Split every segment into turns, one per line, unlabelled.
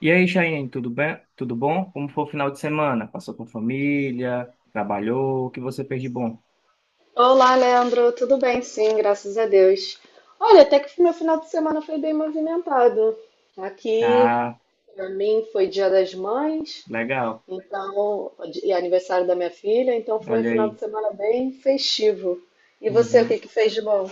E aí, Chayenne, tudo bem? Tudo bom? Como foi o final de semana? Passou com família? Trabalhou? O que você fez de bom?
Olá, Leandro. Tudo bem? Sim, graças a Deus. Olha, até que meu final de semana foi bem movimentado. Tá aqui,
Ah,
para mim, foi Dia das Mães,
legal.
então, e aniversário da minha filha, então foi um
Olha
final
aí.
de semana bem festivo. E você, o
Uhum.
que que fez de bom?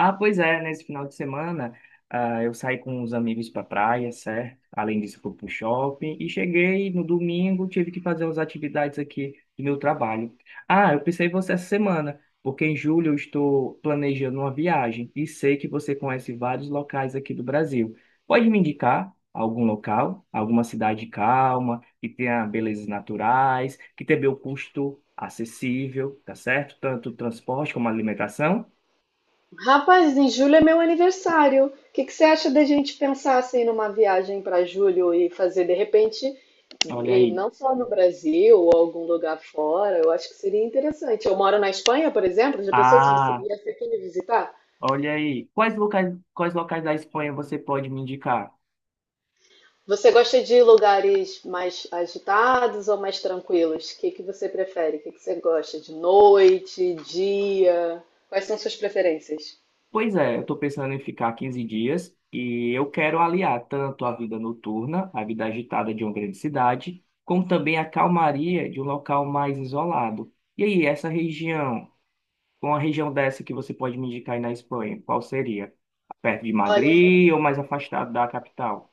Ah, pois é, nesse final de semana, eu saí com os amigos para praia, certo? Além disso, fui pro shopping e cheguei no domingo, tive que fazer umas atividades aqui do meu trabalho. Ah, eu pensei em você essa semana, porque em julho eu estou planejando uma viagem e sei que você conhece vários locais aqui do Brasil. Pode me indicar algum local, alguma cidade calma, que tenha belezas naturais, que tenha o custo acessível, tá certo? Tanto transporte como alimentação.
Rapaz, em julho é meu aniversário. O que que você acha da gente pensar assim numa viagem para julho e fazer de repente,
Olha
e
aí.
não só no Brasil ou algum lugar fora? Eu acho que seria interessante. Eu moro na Espanha, por exemplo. Já pensou se você
Ah,
viesse aqui me visitar?
olha aí. Quais locais da Espanha você pode me indicar?
Você gosta de lugares mais agitados ou mais tranquilos? O que que você prefere? O que que você gosta? De noite, dia? Quais são suas preferências?
Pois é, eu estou pensando em ficar 15 dias e eu quero aliar tanto a vida noturna, a vida agitada de uma grande cidade, como também a calmaria de um local mais isolado. E aí, uma região dessa que você pode me indicar aí na Espanha, qual seria? Perto de Madrid ou mais afastado da capital?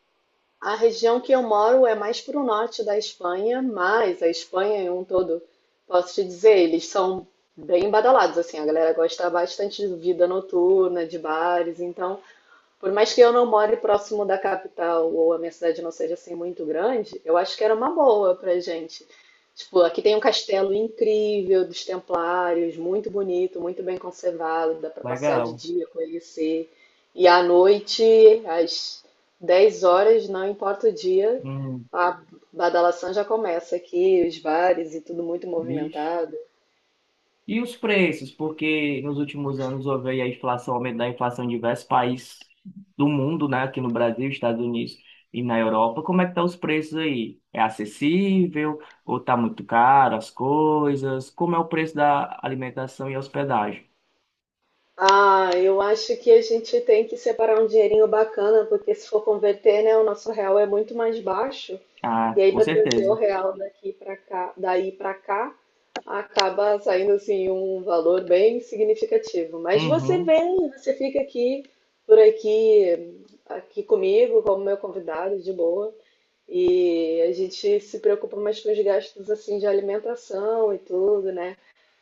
A região que eu moro é mais para o norte da Espanha, mas a Espanha em um todo, posso te dizer, eles são bem badalados, assim, a galera gosta bastante de vida noturna, de bares, então por mais que eu não more próximo da capital ou a minha cidade não seja assim muito grande, eu acho que era uma boa pra gente. Tipo, aqui tem um castelo incrível dos Templários, muito bonito, muito bem conservado, dá pra passear de
Legal.
dia, conhecer. E à noite, às 10 horas, não importa o dia,
Hum,
a badalação já começa aqui, os bares e tudo muito
vixe.
movimentado.
E os preços, porque nos últimos anos houve aí a inflação, aumento da inflação em diversos países do mundo, né? Aqui no Brasil, Estados Unidos e na Europa. Como é que estão os preços aí? É acessível ou tá muito caro as coisas? Como é o preço da alimentação e hospedagem?
Ah, eu acho que a gente tem que separar um dinheirinho bacana, porque se for converter, né, o nosso real é muito mais baixo.
Ah,
E aí
com
para trazer o
certeza.
real daqui para cá, daí para cá, acaba saindo assim um valor bem significativo. Mas você
Uhum.
vem, você fica aqui por aqui, aqui comigo como meu convidado de boa. E a gente se preocupa mais com os gastos assim de alimentação e tudo, né?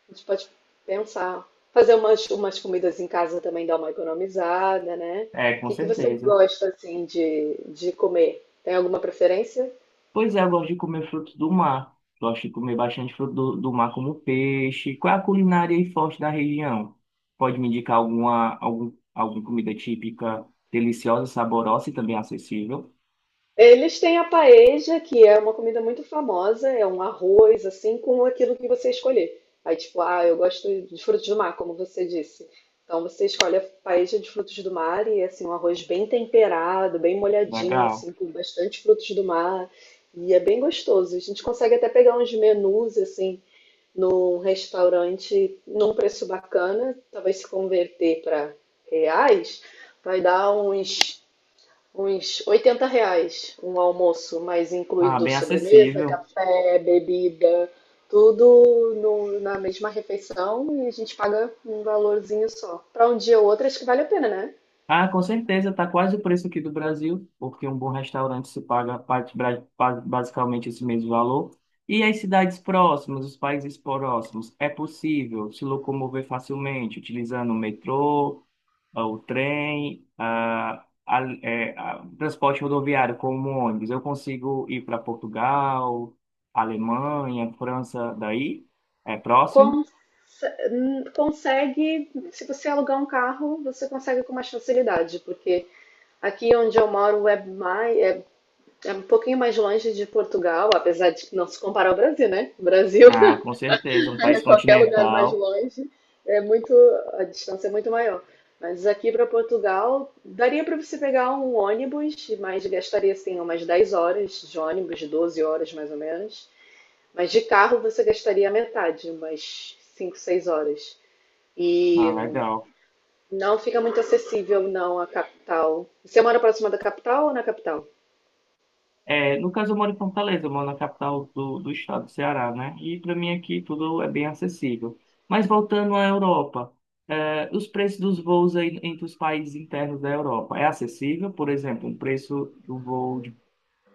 A gente pode pensar. Fazer umas comidas em casa também dá uma economizada, né?
É,
O
com
que que você
certeza.
gosta, assim, de comer? Tem alguma preferência?
Pois é, eu gosto de comer frutos do mar. Gosto de comer bastante fruto do mar, como peixe. Qual é a culinária aí forte da região? Pode me indicar alguma comida típica, deliciosa, saborosa e também acessível?
Eles têm a paella, que é uma comida muito famosa, é um arroz, assim, com aquilo que você escolher. Aí, tipo, ah, eu gosto de frutos do mar, como você disse. Então, você escolhe a paella de frutos do mar e, é assim, um arroz bem temperado, bem molhadinho,
Legal.
assim, com bastante frutos do mar. E é bem gostoso. A gente consegue até pegar uns menus, assim, num restaurante num preço bacana, talvez se converter para reais, vai dar uns, uns 80 reais um almoço, mas
Ah,
incluído
bem
sobremesa,
acessível.
café, bebida, tudo na mesma refeição e a gente paga um valorzinho só. Para um dia ou outro, acho que vale a pena, né?
Ah, com certeza, está quase o preço aqui do Brasil, porque um bom restaurante se paga parte basicamente esse mesmo valor. E as cidades próximas, os países próximos, é possível se locomover facilmente, utilizando o metrô, o trem, o transporte rodoviário como um ônibus. Eu consigo ir para Portugal, Alemanha, França, daí é próximo?
con Consegue, se você alugar um carro, você consegue com mais facilidade, porque aqui onde eu moro é mais, é um pouquinho mais longe de Portugal, apesar de que não se comparar ao Brasil, né? O Brasil
Ah, com certeza, um país continental.
é muito, a distância é muito maior. Mas aqui para Portugal, daria para você pegar um ônibus, mas gastaria assim umas 10 horas de ônibus, 12 horas mais ou menos. Mas de carro você gastaria a metade, umas 5, 6 horas.
Ah,
E
legal.
não fica muito acessível não a capital. Você mora próxima da capital ou na capital?
É, no caso, eu moro em Fortaleza, eu moro na capital do estado do Ceará, né? E para mim aqui tudo é bem acessível. Mas voltando à Europa, os preços dos voos aí entre os países internos da Europa é acessível? Por exemplo, o preço do voo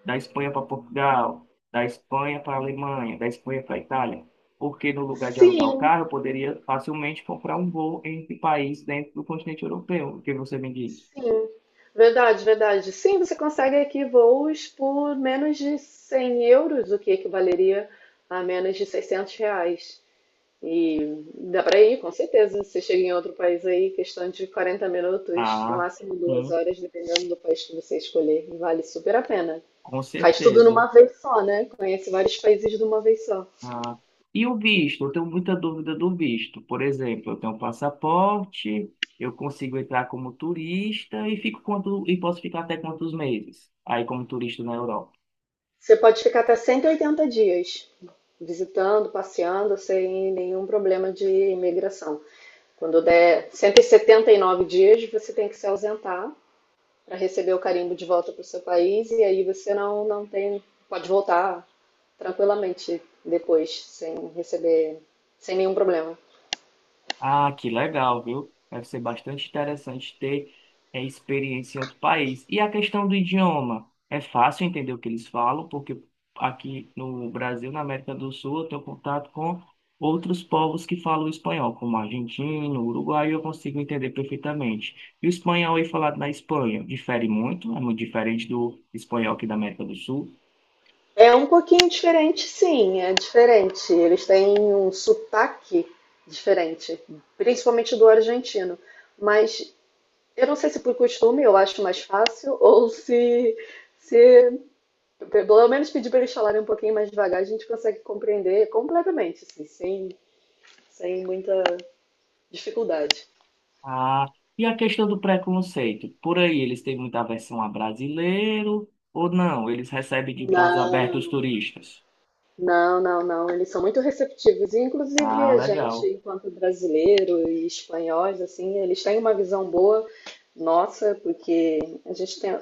da Espanha para Portugal, da Espanha para Alemanha, da Espanha para Itália? Porque no lugar de alugar o
Sim,
carro, eu poderia facilmente comprar um voo entre países dentro do continente europeu. O que você me diz?
Sim, verdade, Sim, você consegue aqui voos por menos de 100 euros, o que equivaleria a menos de 600 reais. E dá para ir, com certeza. Você chega em outro país aí, questão de 40 minutos, no
Ah,
máximo duas
sim,
horas, dependendo do país que você escolher. Vale super a pena.
com
Faz tudo
certeza.
numa vez só, né? Conhece vários países de uma vez só.
Ah, e o visto? Eu tenho muita dúvida do visto. Por exemplo, eu tenho um passaporte, eu consigo entrar como turista e fico quanto, e posso ficar até quantos meses aí como turista na Europa?
Você pode ficar até 180 dias visitando, passeando, sem nenhum problema de imigração. Quando der 179 dias, você tem que se ausentar para receber o carimbo de volta para o seu país e aí você não tem, pode voltar tranquilamente depois, sem receber, sem nenhum problema.
Ah, que legal, viu? Deve ser bastante interessante ter experiência em outro país. E a questão do idioma? É fácil entender o que eles falam, porque aqui no Brasil, na América do Sul, eu tenho contato com outros povos que falam espanhol, como argentino, uruguaio, eu consigo entender perfeitamente. E o espanhol aí falado na Espanha difere muito, é muito diferente do espanhol aqui da América do Sul.
É um pouquinho diferente, sim, é diferente. Eles têm um sotaque diferente, principalmente do argentino. Mas eu não sei se por costume eu acho mais fácil ou se pelo menos pedir para eles falarem um pouquinho mais devagar, a gente consegue compreender completamente, assim, sem, sem muita dificuldade.
Ah, e a questão do preconceito? Por aí eles têm muita aversão a brasileiro ou não? Eles recebem de braços abertos os
Não,
turistas?
não, não, não. Eles são muito receptivos. E, inclusive
Ah,
a gente,
legal.
enquanto brasileiro e espanhóis, assim, eles têm uma visão boa nossa, porque a gente tem,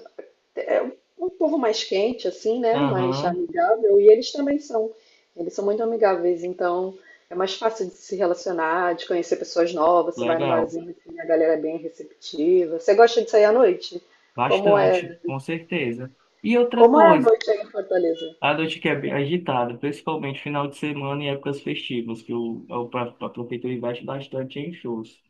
é um povo mais quente, assim, né? Mais
Aham,
amigável. E eles também são. Eles são muito amigáveis, então é mais fácil de se relacionar, de conhecer pessoas novas. Você vai num
legal.
barzinho, assim, a galera é bem receptiva. Você gosta de sair à noite? Como
Bastante,
é?
com certeza. E outra
Como é a
coisa,
noite aí em Fortaleza?
a noite que é bem agitada, principalmente final de semana e épocas festivas, que a prefeitura investe bastante em shows.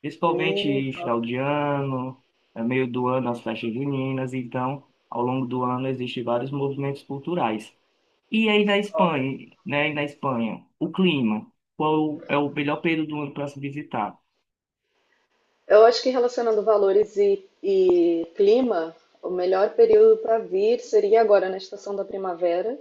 Principalmente em final de ano, é meio do ano, as festas juninas, então, ao longo do ano, existem vários movimentos culturais. E aí da Espanha, né? E na Espanha, o clima. Qual é o melhor período do ano para se visitar?
Eu acho que relacionando valores e clima, o melhor período para vir seria agora na estação da primavera,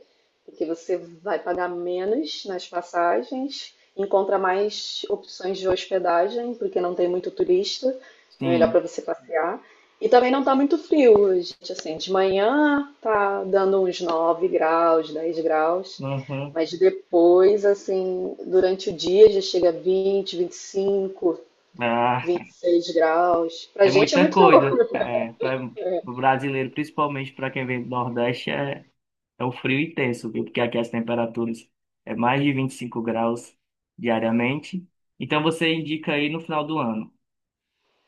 porque você vai pagar menos nas passagens, encontra mais opções de hospedagem, porque não tem muito turista, é melhor para
Sim.
você passear. E também não tá muito frio, gente, assim, de manhã tá dando uns 9 graus, 10 graus,
Uhum.
mas depois, assim, durante o dia já chega a vinte, vinte e cinco,
Ah,
26 graus. Pra
é
gente é
muita
muito calor.
coisa. É, para o brasileiro, principalmente para quem vem do Nordeste, é, um frio intenso, viu? Porque aqui as temperaturas é mais de 25 graus diariamente. Então você indica aí no final do ano.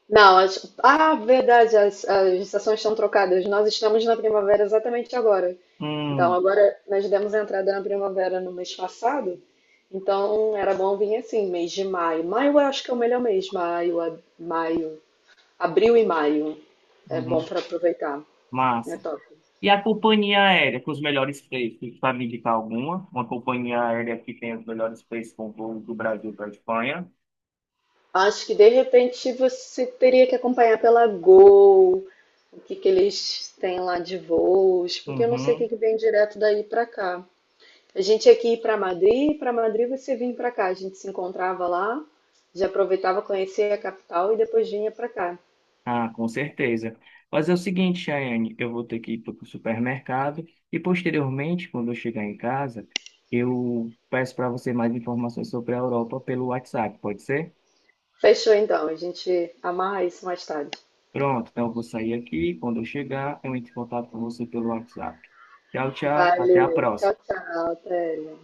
Não, ah, verdade, as estações estão trocadas. Nós estamos na primavera exatamente agora. Então,
Hum,
agora nós demos entrada na primavera no mês passado. Então, era bom vir assim, mês de maio. Maio eu acho que é o melhor mês. Maio, abril e maio. É bom
uhum.
para aproveitar. É
Massa.
top.
E a companhia aérea com os melhores preços, tu sabe indicar alguma? Uma companhia aérea que tem os melhores preços com voo do Brasil para a Espanha?
Acho que de repente você teria que acompanhar pela Gol o que que eles têm lá de voos, porque eu não sei o que
Uhum.
que vem direto daí pra cá. A gente ia aqui para Madrid, e para Madrid você vinha pra cá, a gente se encontrava lá, já aproveitava conhecer a capital e depois vinha pra cá.
Ah, com certeza. Mas é o seguinte, Chayane, eu vou ter que ir para o supermercado e posteriormente, quando eu chegar em casa, eu peço para você mais informações sobre a Europa pelo WhatsApp, pode ser?
Fechou então, a gente amarra isso mais tarde.
Pronto, então eu vou sair aqui. Quando eu chegar, eu entro em contato com você pelo WhatsApp. Tchau, tchau. Até a
Valeu, tchau,
próxima.
tchau, Thélia.